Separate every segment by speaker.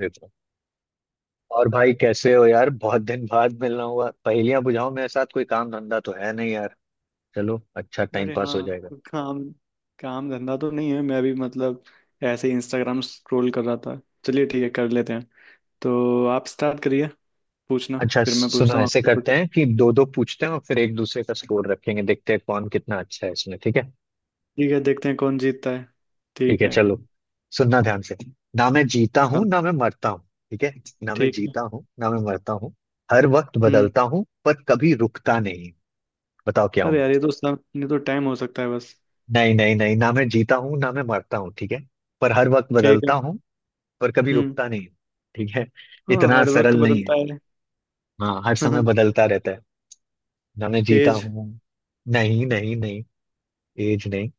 Speaker 1: ये तो और भाई, कैसे हो यार? बहुत दिन बाद मिलना हुआ। पहेलियां बुझाओ मेरे साथ। कोई काम धंधा तो है नहीं यार। चलो, अच्छा टाइम
Speaker 2: अरे
Speaker 1: पास हो
Speaker 2: हाँ।
Speaker 1: जाएगा।
Speaker 2: काम काम धंधा तो नहीं है। मैं भी मतलब ऐसे ही इंस्टाग्राम स्क्रॉल कर रहा था। चलिए ठीक है, कर लेते हैं। तो आप स्टार्ट करिए पूछना,
Speaker 1: अच्छा
Speaker 2: फिर मैं
Speaker 1: सुनो,
Speaker 2: पूछता हूँ
Speaker 1: ऐसे
Speaker 2: आपसे
Speaker 1: करते
Speaker 2: कुछ।
Speaker 1: हैं कि दो दो पूछते हैं और फिर एक दूसरे का स्कोर रखेंगे। देखते हैं कौन कितना अच्छा है इसमें, ठीक है?
Speaker 2: ठीक है, देखते हैं कौन जीतता है।
Speaker 1: ठीक
Speaker 2: ठीक
Speaker 1: है
Speaker 2: है।
Speaker 1: चलो। सुनना ध्यान से। ना मैं जीता हूँ
Speaker 2: हम।
Speaker 1: ना मैं मरता हूँ, ठीक है? ना मैं
Speaker 2: ठीक है।
Speaker 1: जीता हूँ ना मैं मरता हूँ। हर वक्त
Speaker 2: हम्म।
Speaker 1: बदलता हूँ पर कभी रुकता नहीं। बताओ क्या हूँ
Speaker 2: अरे
Speaker 1: मैं?
Speaker 2: यार, ये तो टाइम हो सकता है बस।
Speaker 1: नहीं नहीं नहीं, ना मैं जीता हूँ ना मैं मरता हूँ, ठीक है? पर हर वक्त
Speaker 2: ठीक है।
Speaker 1: बदलता हूँ, पर कभी
Speaker 2: हम्म।
Speaker 1: रुकता नहीं। ठीक है।
Speaker 2: हाँ,
Speaker 1: इतना
Speaker 2: हर वक्त
Speaker 1: सरल नहीं है।
Speaker 2: बदलता है।
Speaker 1: हाँ, हर समय बदलता रहता है। ना मैं जीता
Speaker 2: एज।
Speaker 1: हूँ। नहीं नहीं नहीं, एज नहीं।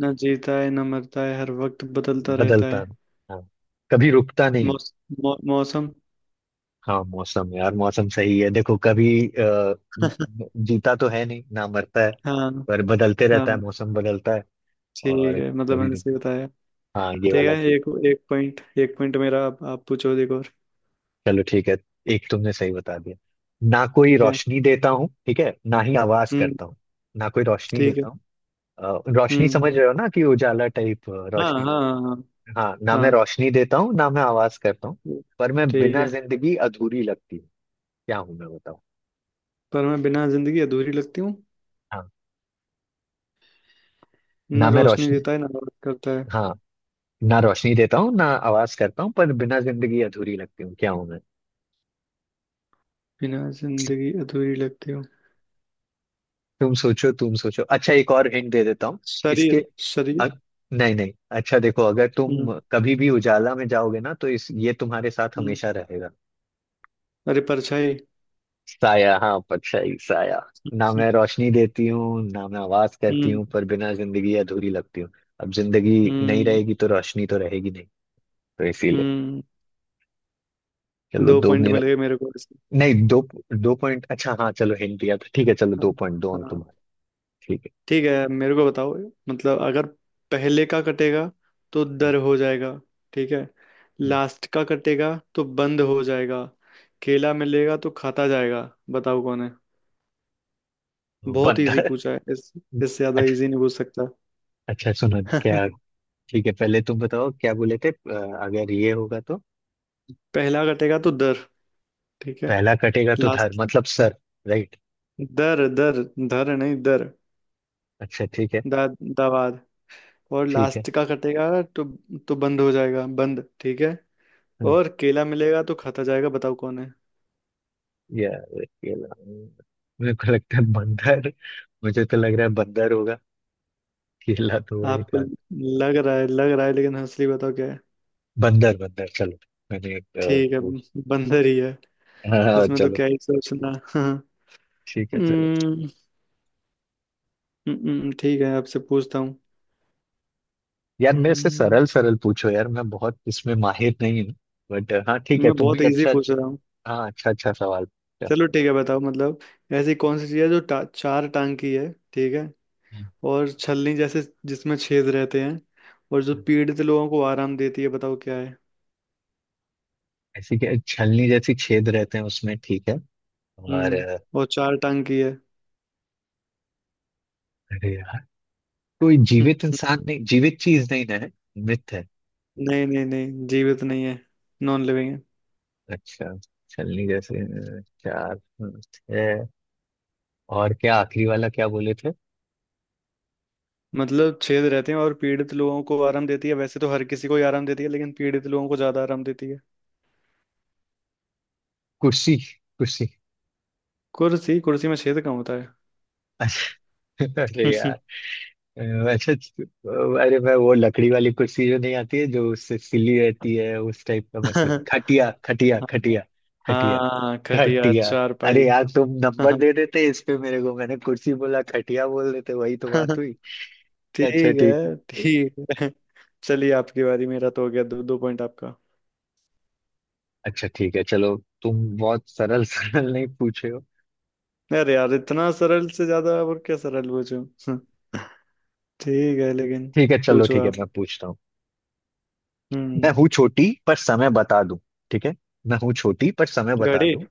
Speaker 2: ना जीता है ना मरता है, हर वक्त बदलता रहता
Speaker 1: बदलता
Speaker 2: है।
Speaker 1: हूँ। हाँ, कभी रुकता नहीं हूँ।
Speaker 2: मौस, मौसम।
Speaker 1: हाँ मौसम यार, मौसम सही है। देखो, कभी जीता तो है नहीं ना मरता है,
Speaker 2: हाँ
Speaker 1: पर बदलते
Speaker 2: हाँ।
Speaker 1: रहता है। मौसम बदलता है
Speaker 2: ठीक
Speaker 1: और
Speaker 2: है, मतलब
Speaker 1: कभी
Speaker 2: मैंने सही
Speaker 1: रुकता
Speaker 2: बताया।
Speaker 1: है। हाँ ये
Speaker 2: ठीक
Speaker 1: वाला
Speaker 2: है,
Speaker 1: ठीक।
Speaker 2: एक एक पॉइंट, एक पॉइंट मेरा। आप पूछो एक और।
Speaker 1: चलो ठीक है। एक तुमने सही बता दिया। ना कोई
Speaker 2: ठीक है।
Speaker 1: रोशनी देता हूँ, ठीक है? ना ही आवाज
Speaker 2: हम्म।
Speaker 1: करता हूँ। ना कोई रोशनी
Speaker 2: ठीक है।
Speaker 1: देता हूँ। रोशनी
Speaker 2: हम्म।
Speaker 1: समझ रहे हो ना, कि उजाला टाइप
Speaker 2: हाँ
Speaker 1: रोशनी।
Speaker 2: हाँ हाँ हाँ।
Speaker 1: हाँ, ना मैं
Speaker 2: हाँ,
Speaker 1: रोशनी देता हूँ ना मैं आवाज करता हूँ। पर मैं
Speaker 2: ठीक
Speaker 1: बिना
Speaker 2: है।
Speaker 1: जिंदगी अधूरी लगती हूँ। क्या हूँ मैं बताऊँ?
Speaker 2: पर मैं बिना जिंदगी अधूरी लगती हूँ।
Speaker 1: हाँ,
Speaker 2: ना
Speaker 1: ना मैं
Speaker 2: रोशनी
Speaker 1: रोशनी।
Speaker 2: देता है ना रात करता है,
Speaker 1: हाँ, ना रोशनी देता हूँ ना आवाज करता हूँ, पर बिना जिंदगी अधूरी लगती हूँ। क्या हूँ मैं?
Speaker 2: बिना जिंदगी अधूरी लगती हूँ।
Speaker 1: तुम सोचो, तुम सोचो। अच्छा, एक और हिंट दे देता हूँ। इसके
Speaker 2: शरीर शरीर।
Speaker 1: अ, नहीं नहीं, अच्छा देखो, अगर तुम
Speaker 2: हम्म।
Speaker 1: कभी भी उजाला में जाओगे ना, तो इस ये तुम्हारे साथ
Speaker 2: हम्म।
Speaker 1: हमेशा रहेगा।
Speaker 2: अरे परछाई।
Speaker 1: साया, हाँ परछाई, साया। ना
Speaker 2: हम्म।
Speaker 1: मैं रोशनी देती हूँ ना मैं आवाज करती
Speaker 2: हम्म।
Speaker 1: हूँ, पर बिना जिंदगी अधूरी लगती हूँ। अब जिंदगी नहीं
Speaker 2: हम्म।
Speaker 1: रहेगी तो रोशनी तो रहेगी नहीं, तो इसीलिए।
Speaker 2: हम्म।
Speaker 1: चलो
Speaker 2: दो
Speaker 1: दो
Speaker 2: पॉइंट
Speaker 1: मेरा।
Speaker 2: मिल गए मेरे को इसमें।
Speaker 1: नहीं दो। दो पॉइंट अच्छा, हाँ चलो, हिंट दिया था। ठीक है चलो, दो पॉइंट दो
Speaker 2: हाँ
Speaker 1: अंक
Speaker 2: हाँ।
Speaker 1: तुम्हारे। ठीक
Speaker 2: ठीक है, मेरे को बताओ। मतलब अगर पहले का कटेगा तो दर हो जाएगा, ठीक है।
Speaker 1: है,
Speaker 2: लास्ट का कटेगा तो बंद हो जाएगा। केला मिलेगा तो खाता जाएगा, बताओ कौन है।
Speaker 1: तो
Speaker 2: बहुत इजी
Speaker 1: बंदर।
Speaker 2: पूछा है, इस इससे ज्यादा
Speaker 1: अच्छा
Speaker 2: इजी नहीं पूछ सकता।
Speaker 1: अच्छा, सुनो क्या। ठीक है, पहले तुम बताओ क्या बोले थे। अगर ये होगा तो
Speaker 2: पहला कटेगा तो दर, ठीक है।
Speaker 1: पहला कटेगा तो धर,
Speaker 2: लास्ट।
Speaker 1: मतलब सर। राइट।
Speaker 2: दर दर। धर नहीं, दर।
Speaker 1: अच्छा ठीक है।
Speaker 2: दा। दावाद। और
Speaker 1: ठीक
Speaker 2: लास्ट का कटेगा तो बंद हो जाएगा, बंद। ठीक है।
Speaker 1: है
Speaker 2: और केला मिलेगा तो खाता जाएगा, बताओ कौन है।
Speaker 1: यार, केला। मेरे को लगता है बंदर। मुझे तो लग रहा है बंदर होगा। केला तो वही
Speaker 2: आपको
Speaker 1: था।
Speaker 2: लग रहा है लग रहा है, लेकिन असली बताओ क्या है।
Speaker 1: बंदर बंदर चलो। मैंने एक
Speaker 2: ठीक है,
Speaker 1: पूछ।
Speaker 2: बंदर ही है।
Speaker 1: हाँ हाँ,
Speaker 2: इसमें तो
Speaker 1: चलो।
Speaker 2: क्या ही सोचना। हाँ।
Speaker 1: ठीक है चलो
Speaker 2: हम्म, ठीक है, आपसे पूछता हूँ।
Speaker 1: यार, मेरे से
Speaker 2: हम्म।
Speaker 1: सरल सरल पूछो यार, मैं बहुत इसमें माहिर नहीं हूँ। बट हाँ ठीक है,
Speaker 2: मैं
Speaker 1: तुम
Speaker 2: बहुत
Speaker 1: भी
Speaker 2: इजी
Speaker 1: अच्छा
Speaker 2: पूछ
Speaker 1: अच्छा।
Speaker 2: रहा हूँ।
Speaker 1: हाँ, अच्छा अच्छा सवाल पूछा।
Speaker 2: चलो ठीक है, बताओ। मतलब ऐसी कौन सी चीज़ है जो टा, चार टांग की है, ठीक है,
Speaker 1: हम्म।
Speaker 2: और छलनी जैसे जिसमें छेद रहते हैं, और जो पीड़ित लोगों को आराम देती है, बताओ क्या है।
Speaker 1: ऐसी क्या छलनी जैसी छेद रहते हैं उसमें, ठीक है? और
Speaker 2: हम्म। और चार टांग की है।
Speaker 1: अरे यार, कोई जीवित इंसान नहीं, जीवित चीज नहीं ना है। मृत है।
Speaker 2: नहीं नहीं नहीं, जीवित नहीं है, नॉन लिविंग है।
Speaker 1: अच्छा, छलनी जैसे चार है। और क्या आखिरी वाला क्या बोले थे?
Speaker 2: मतलब छेद रहते हैं और पीड़ित लोगों को आराम देती है, वैसे तो हर किसी को ही आराम देती है, लेकिन पीड़ित लोगों को ज्यादा आराम देती है।
Speaker 1: कुर्सी। कुर्सी।
Speaker 2: कुर्सी? कुर्सी में छेद कहाँ होता है।
Speaker 1: अरे यार, अच्छा अरे मैं वो लकड़ी वाली कुर्सी जो नहीं आती है, जो उससे सिली रहती है, उस टाइप का मैं सोच। खटिया खटिया खटिया। खटिया।
Speaker 2: हाँ खटिया,
Speaker 1: खटिया। अरे
Speaker 2: चारपाई।
Speaker 1: यार, तुम नंबर दे देते इस पे मेरे को, मैंने कुर्सी बोला, खटिया बोल देते, वही तो बात हुई। अच्छा
Speaker 2: ठीक
Speaker 1: ठीक
Speaker 2: है,
Speaker 1: है।
Speaker 2: ठीक है। चलिए आपकी बारी, मेरा तो हो गया, दो दो पॉइंट आपका।
Speaker 1: अच्छा ठीक है चलो, तुम बहुत सरल सरल नहीं पूछे हो।
Speaker 2: अरे यार, इतना सरल से ज्यादा और क्या सरल पूछूं। ठीक है लेकिन।
Speaker 1: ठीक है चलो,
Speaker 2: पूछो
Speaker 1: ठीक है
Speaker 2: आप।
Speaker 1: मैं पूछता हूँ। मैं
Speaker 2: हम्म।
Speaker 1: हूँ छोटी पर समय बता दूं, ठीक है? मैं हूँ छोटी पर समय बता
Speaker 2: घड़ी।
Speaker 1: दूं।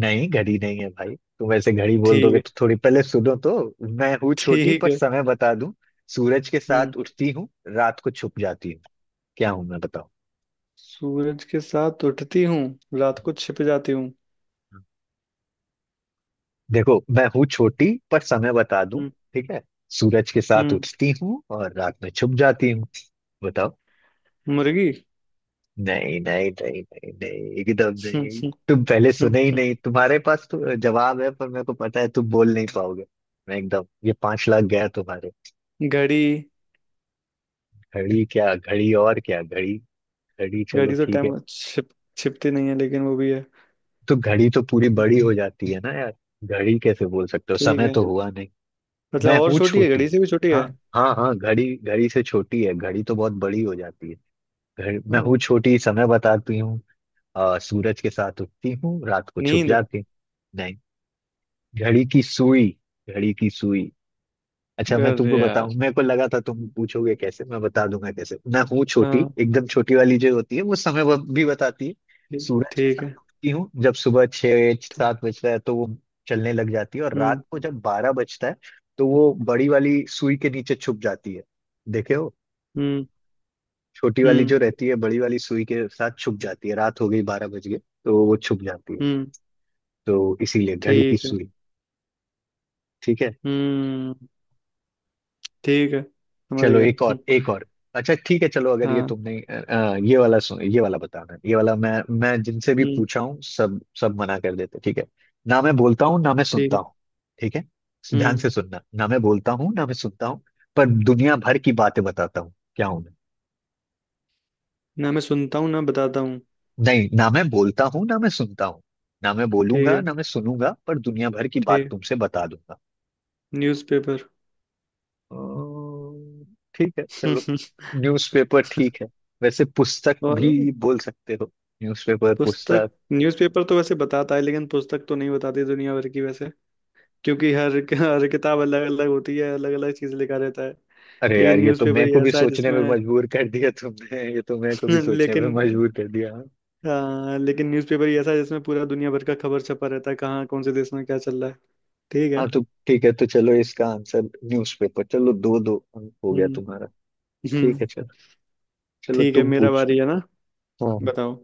Speaker 1: नहीं घड़ी नहीं है भाई, तुम ऐसे घड़ी बोल
Speaker 2: ठीक
Speaker 1: दोगे
Speaker 2: है।
Speaker 1: तो, थोड़ी पहले सुनो तो। मैं हूँ छोटी
Speaker 2: ठीक
Speaker 1: पर
Speaker 2: है।
Speaker 1: समय बता दूं। सूरज के
Speaker 2: हम्म।
Speaker 1: साथ उठती हूँ, रात को छुप जाती हूँ। क्या हूं मैं बताओ?
Speaker 2: सूरज के साथ उठती हूँ, रात को छिप जाती हूँ।
Speaker 1: देखो मैं हूँ छोटी पर समय बता दूं,
Speaker 2: हम्म।
Speaker 1: ठीक है? सूरज के साथ
Speaker 2: हम्म,
Speaker 1: उठती हूँ और रात में छुप जाती हूँ। बताओ।
Speaker 2: मुर्गी।
Speaker 1: नहीं नहीं नहीं नहीं नहीं, एकदम
Speaker 2: हम्म,
Speaker 1: नहीं।
Speaker 2: हम्म,
Speaker 1: तुम पहले
Speaker 2: हम्म,
Speaker 1: सुने ही
Speaker 2: हम्म।
Speaker 1: नहीं। तुम्हारे पास तो जवाब है, पर मेरे को पता है तुम बोल नहीं पाओगे। मैं एकदम ये पांच लाख गया तुम्हारे।
Speaker 2: घड़ी।
Speaker 1: घड़ी क्या घड़ी, और क्या घड़ी? घड़ी चलो
Speaker 2: घड़ी तो
Speaker 1: ठीक है।
Speaker 2: टाइम छिपती नहीं है, लेकिन वो भी है।
Speaker 1: तो घड़ी तो पूरी बड़ी हो जाती है ना यार। घड़ी कैसे बोल सकते हो,
Speaker 2: ठीक
Speaker 1: समय
Speaker 2: है,
Speaker 1: तो हुआ नहीं।
Speaker 2: मतलब
Speaker 1: मैं
Speaker 2: और
Speaker 1: हूँ
Speaker 2: छोटी है,
Speaker 1: छोटी।
Speaker 2: घड़ी से भी छोटी है।
Speaker 1: हाँ हाँ हाँ, घड़ी घड़ी से छोटी है, घड़ी तो बहुत बड़ी हो जाती है। घड़ी मैं
Speaker 2: ओह।
Speaker 1: हूँ छोटी, समय बताती हूँ। सूरज के साथ उठती हूँ, रात को छुप
Speaker 2: नींद।
Speaker 1: जाती हूँ। नहीं। घड़ी की सुई। घड़ी की सुई। अच्छा मैं तुमको
Speaker 2: अरे
Speaker 1: बताऊं,
Speaker 2: यार।
Speaker 1: मेरे को लगा था तुम पूछोगे कैसे, मैं बता दूंगा कैसे। मैं हूँ छोटी,
Speaker 2: हाँ,
Speaker 1: एकदम छोटी वाली जो होती है वो, समय वो भी बताती है।
Speaker 2: ठीक
Speaker 1: सूरज के
Speaker 2: ठीक
Speaker 1: साथ
Speaker 2: है।
Speaker 1: उठती हूँ, जब सुबह 6 7 बजता है तो वो चलने लग जाती है, और
Speaker 2: हम्म।
Speaker 1: रात को जब 12 बजता है तो वो बड़ी वाली सुई के नीचे छुप जाती है। देखे हो?
Speaker 2: हम्म।
Speaker 1: छोटी वाली जो
Speaker 2: हम्म।
Speaker 1: रहती है, बड़ी वाली सुई के साथ छुप जाती है, रात हो गई, 12 बज गए, तो वो छुप जाती है।
Speaker 2: हम्म।
Speaker 1: तो इसीलिए घड़ी की
Speaker 2: ठीक है।
Speaker 1: सुई। ठीक है
Speaker 2: हम्म। ठीक है, समझ
Speaker 1: चलो,
Speaker 2: गया।
Speaker 1: एक और एक और। अच्छा ठीक है चलो, अगर ये
Speaker 2: हाँ।
Speaker 1: तुमने ये वाला सुन, ये वाला बताना, ये वाला मैं। मैं जिनसे भी
Speaker 2: हम्म।
Speaker 1: पूछा हूँ सब सब मना कर देते, ठीक है? ना मैं बोलता हूँ ना मैं
Speaker 2: ठीक
Speaker 1: सुनता
Speaker 2: है।
Speaker 1: हूँ, ठीक है? ध्यान
Speaker 2: हम्म।
Speaker 1: से सुनना। ना मैं बोलता हूँ ना मैं सुनता हूँ, पर दुनिया भर की बातें बताता हूँ, क्या हूँ मैं?
Speaker 2: ना मैं सुनता हूँ ना बताता हूँ।
Speaker 1: नहीं, ना मैं बोलता हूँ ना मैं सुनता हूँ। ना मैं
Speaker 2: ठीक
Speaker 1: बोलूंगा
Speaker 2: है।
Speaker 1: ना मैं सुनूंगा, पर दुनिया भर की बात
Speaker 2: ठीक।
Speaker 1: तुमसे बता दूंगा।
Speaker 2: न्यूज़पेपर।
Speaker 1: अम्म, ठीक है चलो, न्यूज़पेपर ठीक है। वैसे पुस्तक भी
Speaker 2: और
Speaker 1: बोल सकते हो, न्यूज़पेपर
Speaker 2: पुस्तक।
Speaker 1: पुस्तक।
Speaker 2: न्यूज़पेपर तो वैसे बताता है, लेकिन पुस्तक तो नहीं बताती दुनिया भर की वैसे। क्योंकि हर हर किताब अलग अलग होती है, अलग अलग चीज लिखा रहता है।
Speaker 1: अरे यार,
Speaker 2: लेकिन
Speaker 1: ये तो
Speaker 2: न्यूज़पेपर
Speaker 1: मैं
Speaker 2: ही
Speaker 1: को भी
Speaker 2: ऐसा है
Speaker 1: सोचने
Speaker 2: जिसमें।
Speaker 1: में मजबूर कर दिया तुमने, ये तो मैं को भी सोचने में
Speaker 2: लेकिन।
Speaker 1: मजबूर कर दिया। हाँ
Speaker 2: हाँ, लेकिन न्यूज़पेपर ही ऐसा है जिसमें पूरा दुनिया भर का खबर छपा रहता है, कहाँ कौन से देश में क्या चल रहा है। ठीक है।
Speaker 1: हाँ, तो ठीक है तो, चलो इसका आंसर न्यूज़पेपर। चलो दो दो अंक हो गया
Speaker 2: हम्म।
Speaker 1: तुम्हारा। ठीक
Speaker 2: हम्म।
Speaker 1: है चलो, चलो
Speaker 2: ठीक है,
Speaker 1: तुम
Speaker 2: मेरा बारी है
Speaker 1: पूछो।
Speaker 2: ना।
Speaker 1: हाँ।
Speaker 2: बताओ,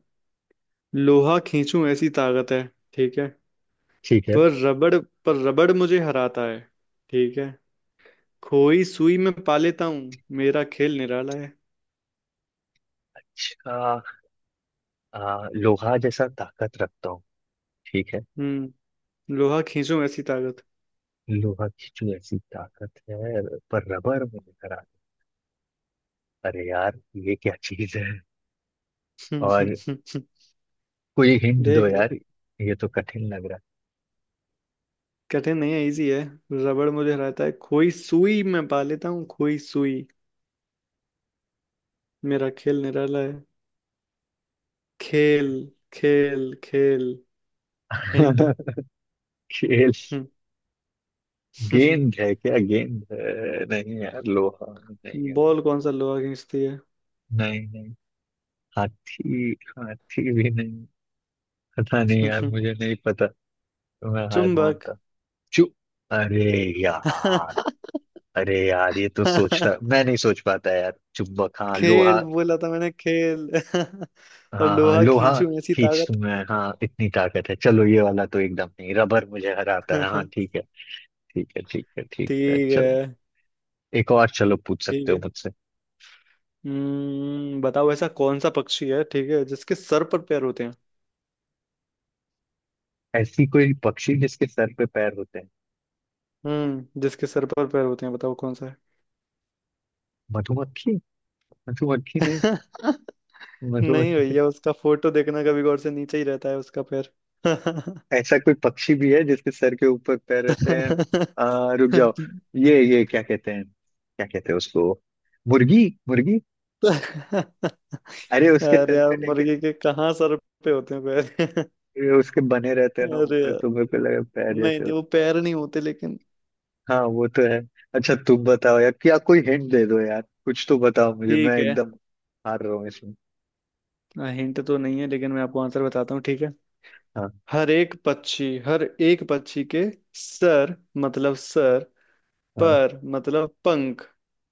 Speaker 2: लोहा खींचूं ऐसी ताकत है, ठीक है,
Speaker 1: ठीक है।
Speaker 2: पर रबड़, पर रबड़ मुझे हराता है, ठीक है। खोई सुई में पा लेता हूँ, मेरा खेल निराला है।
Speaker 1: अच्छा, लोहा जैसा ताकत रखता हूँ, ठीक है?
Speaker 2: हम्म। लोहा खींचूं ऐसी ताकत।
Speaker 1: लोहा की जो ऐसी ताकत है, पर रबर में निकल। अरे यार, ये क्या चीज है?
Speaker 2: हम्म,
Speaker 1: और कोई हिंट दो
Speaker 2: देख लो।
Speaker 1: यार, ये तो कठिन लग रहा
Speaker 2: कठिन नहीं है, इजी है। रबड़ मुझे हराता है, खोई सुई में पा लेता हूँ, खोई सुई। मेरा खेल निराला है। खेल, खेल, खेल
Speaker 1: है।
Speaker 2: हिंट।
Speaker 1: खेल। गेंद है? क्या गेंद है? नहीं यार, लोहा नहीं है।
Speaker 2: बॉल? कौन सा लोहा खींचती है।
Speaker 1: नहीं नहीं। हाथी। हाथी भी नहीं। पता नहीं यार,
Speaker 2: हम्म।
Speaker 1: मुझे नहीं पता। तो मैं हार
Speaker 2: चुंबक।
Speaker 1: मानता। चू अरे यार। अरे यार, ये तो सोचता मैं नहीं सोच पाता यार। चुंबक, हाँ लोहा।
Speaker 2: खेल बोला था मैंने, खेल। और
Speaker 1: हाँ हाँ
Speaker 2: लोहा
Speaker 1: लोहा
Speaker 2: खींचूं ऐसी
Speaker 1: खींच
Speaker 2: ताकत।
Speaker 1: तुम्हें, हाँ इतनी ताकत है। चलो ये वाला तो एकदम नहीं। रबर मुझे हराता है, हाँ ठीक है। ठीक है ठीक है ठीक है
Speaker 2: ठीक है।
Speaker 1: चलो, एक और चलो पूछ
Speaker 2: ठीक
Speaker 1: सकते हो
Speaker 2: है।
Speaker 1: मुझसे।
Speaker 2: हम्म, बताओ ऐसा कौन सा पक्षी है, ठीक है, जिसके सर पर पैर होते हैं।
Speaker 1: ऐसी कोई पक्षी जिसके सर पे पैर होते हैं?
Speaker 2: हम्म, जिसके सर पर पैर होते हैं, बताओ कौन सा है।
Speaker 1: मधुमक्खी। मधुमक्खी नहीं?
Speaker 2: नहीं
Speaker 1: मधुमक्खी नहीं।
Speaker 2: भैया, उसका फोटो देखना कभी गौर से, नीचे ही रहता है उसका पैर।
Speaker 1: ऐसा कोई पक्षी भी है जिसके सर के ऊपर पैर रहते हैं? रुक जाओ। ये क्या कहते हैं, क्या कहते हैं उसको। मुर्गी मुर्गी। अरे उसके
Speaker 2: अरे
Speaker 1: सर
Speaker 2: यार,
Speaker 1: पे लेकिन
Speaker 2: मुर्गी के कहाँ सर पे होते हैं पैर।
Speaker 1: ये उसके बने रहते हैं ना
Speaker 2: अरे
Speaker 1: ऊपर,
Speaker 2: यार,
Speaker 1: तुम्हें पे लगे पैर
Speaker 2: नहीं
Speaker 1: जैसे।
Speaker 2: नहीं वो पैर नहीं होते लेकिन।
Speaker 1: हाँ वो तो है। अच्छा तुम बताओ यार, क्या कोई हिंट दे दो यार, कुछ तो बताओ मुझे, मैं
Speaker 2: ठीक है,
Speaker 1: एकदम हार रहा हूँ इसमें।
Speaker 2: हिंट तो नहीं है, लेकिन मैं आपको आंसर बताता हूँ, ठीक है।
Speaker 1: हाँ।
Speaker 2: हर एक पक्षी के सर, मतलब सर
Speaker 1: हाँ।
Speaker 2: पर मतलब पंख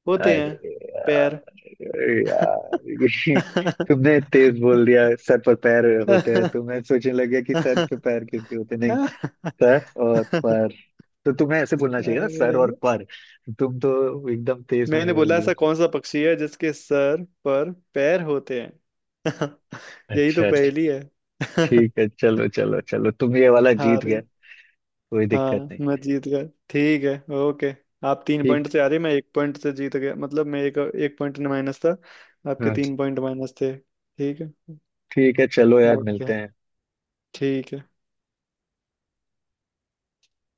Speaker 2: होते हैं,
Speaker 1: अरे यार,
Speaker 2: पैर।
Speaker 1: अरे यार ये तुमने तेज बोल दिया, सर पर पैर होते हैं, तो मैं सोचने लग गया कि सर
Speaker 2: अरे,
Speaker 1: पे पैर किसके होते हैं। नहीं, सर और पर। तो तुम्हें ऐसे बोलना चाहिए ना, सर और पर। तुम तो एकदम तेज में
Speaker 2: मैंने
Speaker 1: बोल
Speaker 2: बोला
Speaker 1: दिए।
Speaker 2: ऐसा कौन सा पक्षी है जिसके सर पर पैर होते हैं। यही तो
Speaker 1: अच्छा अच्छा।
Speaker 2: पहेली है।
Speaker 1: ठीक है चलो चलो चलो, तुम ये वाला
Speaker 2: हार।
Speaker 1: जीत गए। कोई दिक्कत
Speaker 2: हाँ,
Speaker 1: नहीं।
Speaker 2: मैं जीत गया। ठीक है। ओके। आप तीन
Speaker 1: ठीक।
Speaker 2: पॉइंट से आ रहे, मैं एक पॉइंट से जीत गया, मतलब मैं एक एक पॉइंट माइनस था, आपके
Speaker 1: हाँ
Speaker 2: तीन पॉइंट माइनस थे, ठीक है।
Speaker 1: ठीक है चलो यार,
Speaker 2: ओके।
Speaker 1: मिलते हैं।
Speaker 2: ठीक है।